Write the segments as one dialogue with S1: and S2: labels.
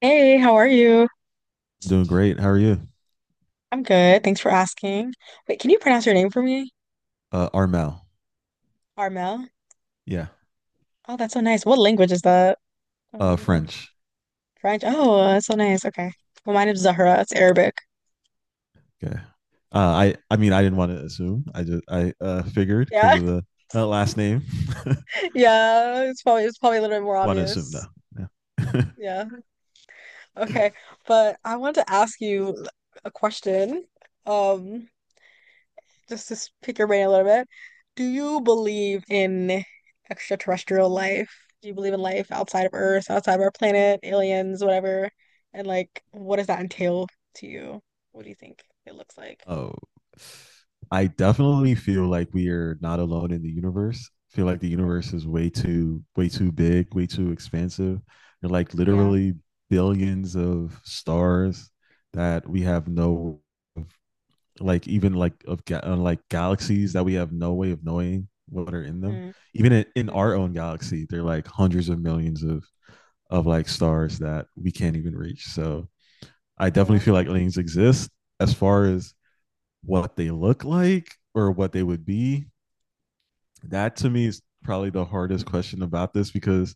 S1: Hey, how are you?
S2: I'm doing great. How are you?
S1: I'm good. Thanks for asking. Wait, can you pronounce your name for me?
S2: Armel.
S1: Armel?
S2: Yeah.
S1: Oh, that's so nice. What language is that? Uh,
S2: French.
S1: French. Oh, that's so nice. Okay. Well, my name's Zahra. It's Arabic.
S2: Okay. I mean I didn't want to assume. I figured because
S1: Yeah.
S2: of the that last name.
S1: Yeah. It's probably a little bit more
S2: Want to assume though.
S1: obvious.
S2: Yeah.
S1: Yeah. Okay. But I want to ask you a question. Um, just to pick your brain a little bit, do you believe in extraterrestrial life? Do you believe in life outside of Earth, outside of our planet, aliens, whatever? And like, what does that entail to you? What do you think it looks like?
S2: Oh, I definitely feel like we are not alone in the universe. I feel like the
S1: Okay.
S2: universe is way too big, way too expansive. There are like
S1: Yeah.
S2: literally billions of stars that we have no of like even like of like galaxies that we have no way of knowing what are in them.
S1: Mm,
S2: Even in
S1: mhm.
S2: our own galaxy, there are like hundreds of millions of like stars that we can't even reach. So I definitely
S1: Yeah.
S2: feel like aliens exist. As far as what they look like or what they would be, that to me is probably the hardest question about this because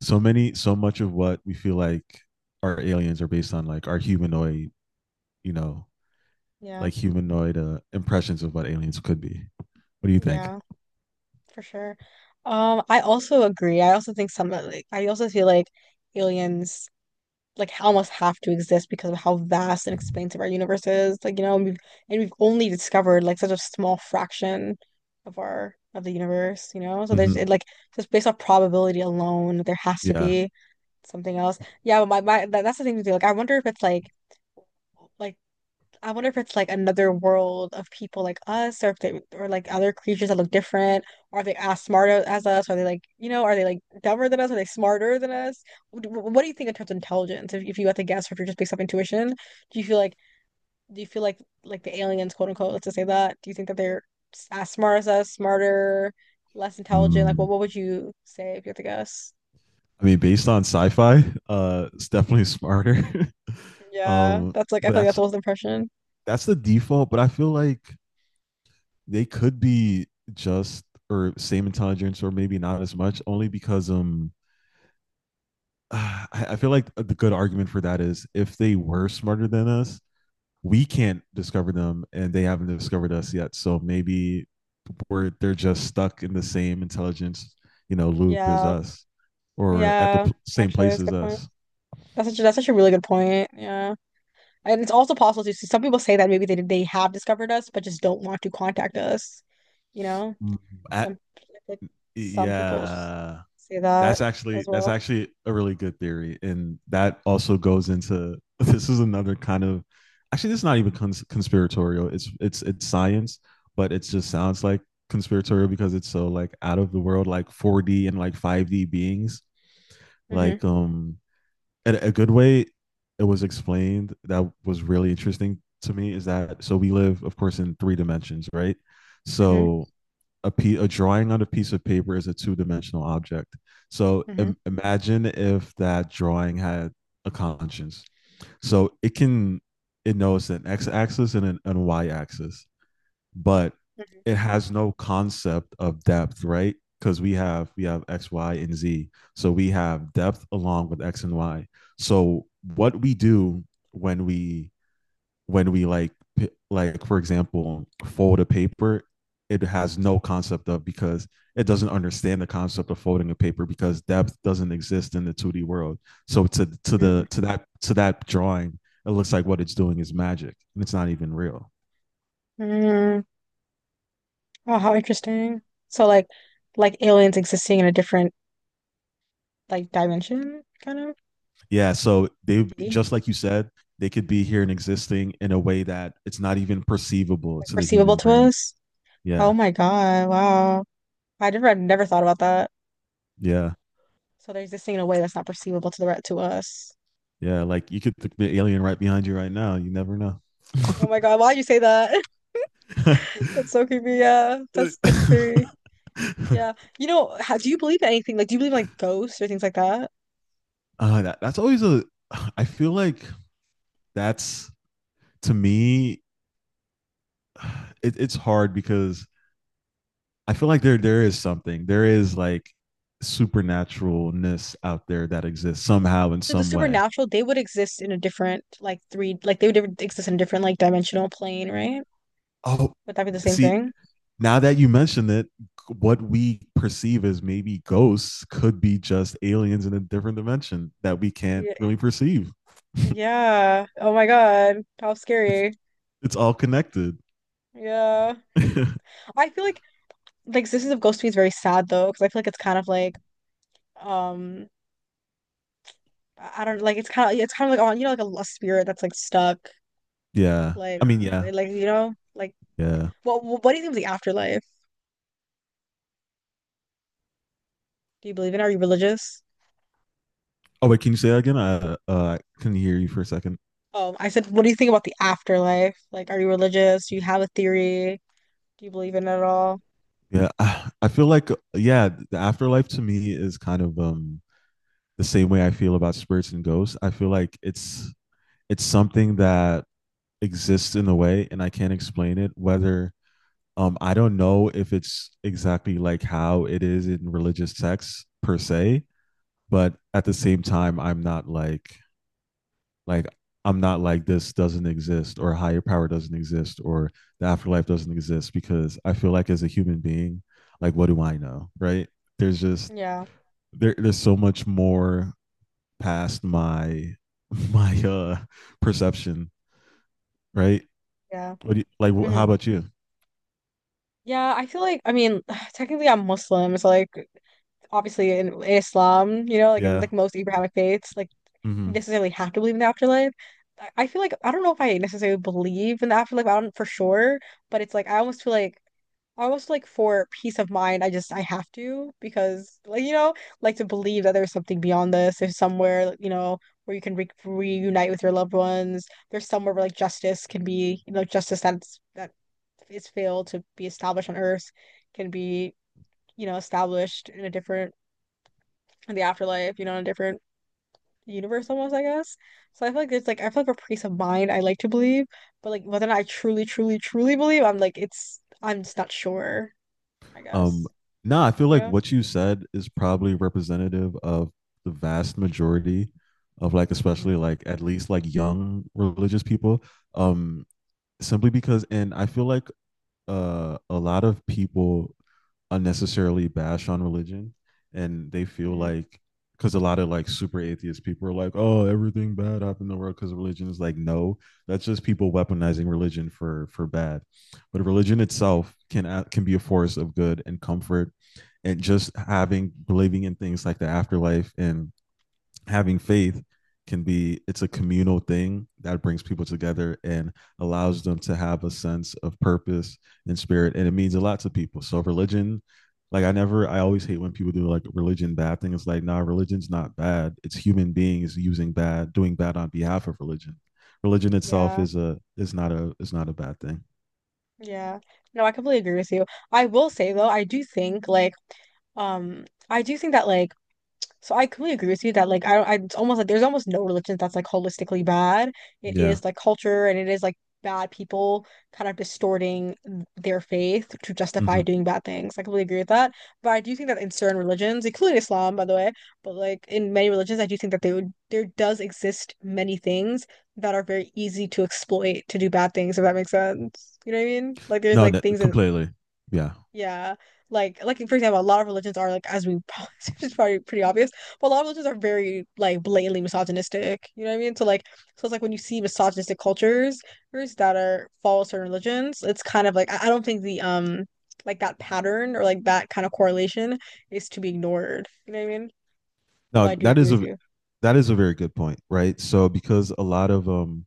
S2: so much of what we feel like our aliens are based on like our humanoid, you know,
S1: Yeah.
S2: like humanoid impressions of what aliens could be. What do you think?
S1: Yeah. For sure. I also agree. I also think some like I also feel like aliens almost have to exist because of how vast and expansive our universe is. Like, you know, and we've only discovered like such a small fraction of the universe, you know? So there's it,
S2: Mhm.
S1: like just based off probability alone, there has to
S2: Yeah.
S1: be something else. Yeah, but that's the thing to do. Like I wonder if it's like like I wonder if it's like another world of people like us, or if they, or like other creatures that look different. Are they as smart as us? Are they like, you know, are they like dumber than us? Are they smarter than us? What do you think in terms of intelligence? If you had to guess, or if you're just based off intuition, do you feel like, do you feel like the aliens, quote unquote, let's just say that? Do you think that they're as smart as us, smarter, less intelligent? Like,
S2: Mm.
S1: what would you say if you had to guess?
S2: I mean, based on sci-fi, it's definitely smarter.
S1: Yeah,
S2: Um,
S1: that's like, I
S2: but
S1: feel like that's
S2: that's
S1: almost the impression.
S2: that's the default. But I feel like they could be just or same intelligence, or maybe not as much, only because I feel like the good argument for that is if they were smarter than us, we can't discover them, and they haven't discovered us yet. So maybe where they're just stuck in the same intelligence, loop as
S1: Yeah,
S2: us, or at the
S1: yeah,
S2: same
S1: actually,
S2: place
S1: that's a
S2: as
S1: good point.
S2: us.
S1: That's such a really good point. Yeah. And it's also possible to see some people say that maybe they have discovered us but just don't want to contact us. You know,
S2: At,
S1: some like some
S2: yeah,
S1: say that
S2: that's
S1: as
S2: actually
S1: well.
S2: a really good theory, and that also goes into, this is another kind of, actually this is not even conspiratorial. It's science, but it just sounds like conspiratorial because it's so like out of the world, like 4D and like 5D beings,
S1: Hmm.
S2: like um and a good way it was explained that was really interesting to me is that so we live, of course, in three dimensions, right?
S1: Hmm.
S2: So a drawing on a piece of paper is a two dimensional object. So
S1: Hmm.
S2: imagine if that drawing had a conscience. So it knows an x axis and and a y axis, but it has no concept of depth, right? Because we have X, Y, and Z. So we have depth along with X and Y. So what we do when we like for example fold a paper, it has no concept of, because it doesn't understand the concept of folding a paper because depth doesn't exist in the 2D world. So to to
S1: Hmm.
S2: the to that to that drawing, it looks like what it's doing is magic, and it's not even real.
S1: Hmm. Wow, how interesting. So like aliens existing in a different like dimension kind of
S2: Yeah, so they
S1: D,
S2: just like you said, they could be here and existing in a way that it's not even perceivable
S1: like
S2: to the
S1: perceivable
S2: human
S1: to
S2: brain.
S1: us. Oh
S2: Yeah,
S1: my God, wow. I've never thought about that.
S2: yeah,
S1: So they're existing in a way that's not perceivable to to us.
S2: yeah. Like, the alien right behind you right now. You never know.
S1: Oh my God, why'd you say that?
S2: uh,
S1: That's so creepy. Yeah, that's very yeah. You know, do you believe in anything? Like, do you believe in like ghosts or things like that?
S2: that's always a. I feel like that's to me. It's hard because I feel like there is something. There is like supernaturalness out there that exists somehow in
S1: So the
S2: some way.
S1: supernatural, they would exist in a different like they would exist in a different like dimensional plane, right?
S2: Oh,
S1: Would that be the same
S2: see,
S1: thing?
S2: now that you mention it, what we perceive as maybe ghosts could be just aliens in a different dimension that we can't
S1: Yeah.
S2: really perceive.
S1: Yeah. Oh my God, how
S2: It's
S1: scary.
S2: it's all connected.
S1: Yeah. I feel like the existence of ghosts to me is very sad though, because I feel like it's kind of like um I don't like it's kind of like on you know like a spirit that's like stuck.
S2: yeah.
S1: Like,
S2: I mean, yeah,
S1: you know, like
S2: yeah.
S1: what do you think of the afterlife? Do you believe in it? Are you religious?
S2: Oh wait, can you say that again? I couldn't hear you for a second.
S1: I said, what do you think about the afterlife? Like, are you religious? Do you have a theory? Do you believe in it at all?
S2: Yeah, I feel like, yeah, the afterlife to me is kind of the same way I feel about spirits and ghosts. I feel like it's something that exists in a way, and I can't explain it. Whether I don't know if it's exactly like how it is in religious sects per se, but at the same time, I'm not like, like this doesn't exist or higher power doesn't exist or the afterlife doesn't exist, because I feel like, as a human being, like what do I know, right? There's just
S1: Yeah,
S2: there there's so much more past my my perception, right?
S1: yeah.
S2: Like,
S1: Hmm.
S2: how about you?
S1: Yeah, I feel like I mean, technically I'm Muslim, so like obviously in Islam, you know, like in
S2: Yeah.
S1: like most Abrahamic faiths, like
S2: hmm
S1: necessarily have to believe in the afterlife. I feel like I don't know if I necessarily believe in the afterlife. I don't for sure, but it's like I almost feel like I almost like for peace of mind, I have to because like you know like to believe that there's something beyond this. There's somewhere like, you know, where you can re reunite with your loved ones. There's somewhere where like justice can be, you know, justice that's that is failed to be established on Earth can be, you know, established in a different in the afterlife. You know in a different the universe almost, I guess. So I feel like there's like I feel like a piece of mind I like to believe, but like whether or not I truly believe, I'm like it's I'm just not sure, I
S2: Um,
S1: guess.
S2: nah, I feel
S1: You
S2: like
S1: know?
S2: what you said is probably representative of the vast majority of like,
S1: Hmm.
S2: especially like at least like young religious people. Um, Simply because, and I feel like, a lot of people unnecessarily bash on religion, and they feel
S1: Hmm.
S2: like, because a lot of like super atheist people are like, oh, everything bad happened in the world because of religion. Is like, no, that's just people weaponizing religion for bad. But religion
S1: Yeah.
S2: itself can be a force of good and comfort, and just having, believing in things like the afterlife and having faith can be it's a communal thing that brings people together and allows them to have a sense of purpose and spirit, and it means a lot to people. So religion, like I never I always hate when people do like religion bad thing. It's like, nah, religion's not bad. It's human beings using bad, doing bad on behalf of Religion itself
S1: Yeah.
S2: is a is not a is not a bad thing.
S1: Yeah. No, I completely agree with you. I will say though, I do think like um I do think that like So I completely agree with you that I don't I it's almost like there's almost no religion that's like holistically bad. It
S2: Yeah.
S1: is like culture and it is like bad people kind of distorting their faith to
S2: Mm-hmm.
S1: justify doing bad things. I completely agree with that. But I do think that in certain religions, including Islam, by the way, but like in many religions, I do think that they would there does exist many things that are very easy to exploit to do bad things, if that makes sense. You know what I mean? Like there's
S2: No,
S1: like
S2: that,
S1: things that
S2: completely, yeah.
S1: yeah, like for example, a lot of religions are like as we probably it's probably pretty obvious, but a lot of religions are very like blatantly misogynistic. You know what I mean? So like so it's like when you see misogynistic cultures that are follow certain religions, it's kind of like I don't think the like that pattern or like that kind of correlation is to be ignored. You know what I mean? Although I
S2: No,
S1: do
S2: that
S1: agree
S2: is
S1: with
S2: a
S1: you.
S2: that is a very good point, right, so because a lot of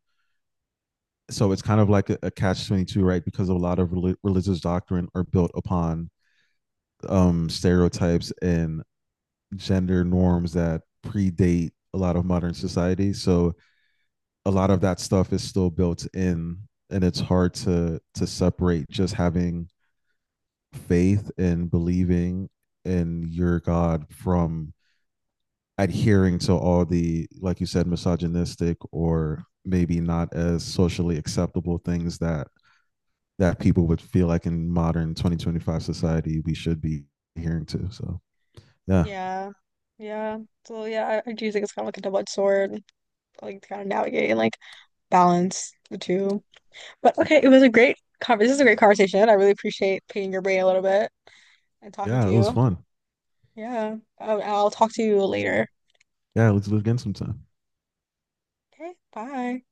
S2: so it's kind of like a catch 22, right, because a lot of religious doctrine are built upon stereotypes and gender norms that predate a lot of modern society, so a lot of that stuff is still built in, and it's hard to separate just having faith and believing in your god from adhering to all the, like you said, misogynistic or maybe not as socially acceptable things that people would feel like in modern 2025 society we should be adhering to. So yeah,
S1: Yeah. Yeah. So yeah, I do think it's kind of like a double-edged sword, like to kind of navigate and like balance the two. But okay, it was a great conver this is a great conversation. I really appreciate picking your brain a little bit and talking
S2: yeah,
S1: to
S2: it was
S1: you.
S2: fun.
S1: Yeah. I'll talk to you later.
S2: Yeah, let's do it again sometime.
S1: Okay, bye.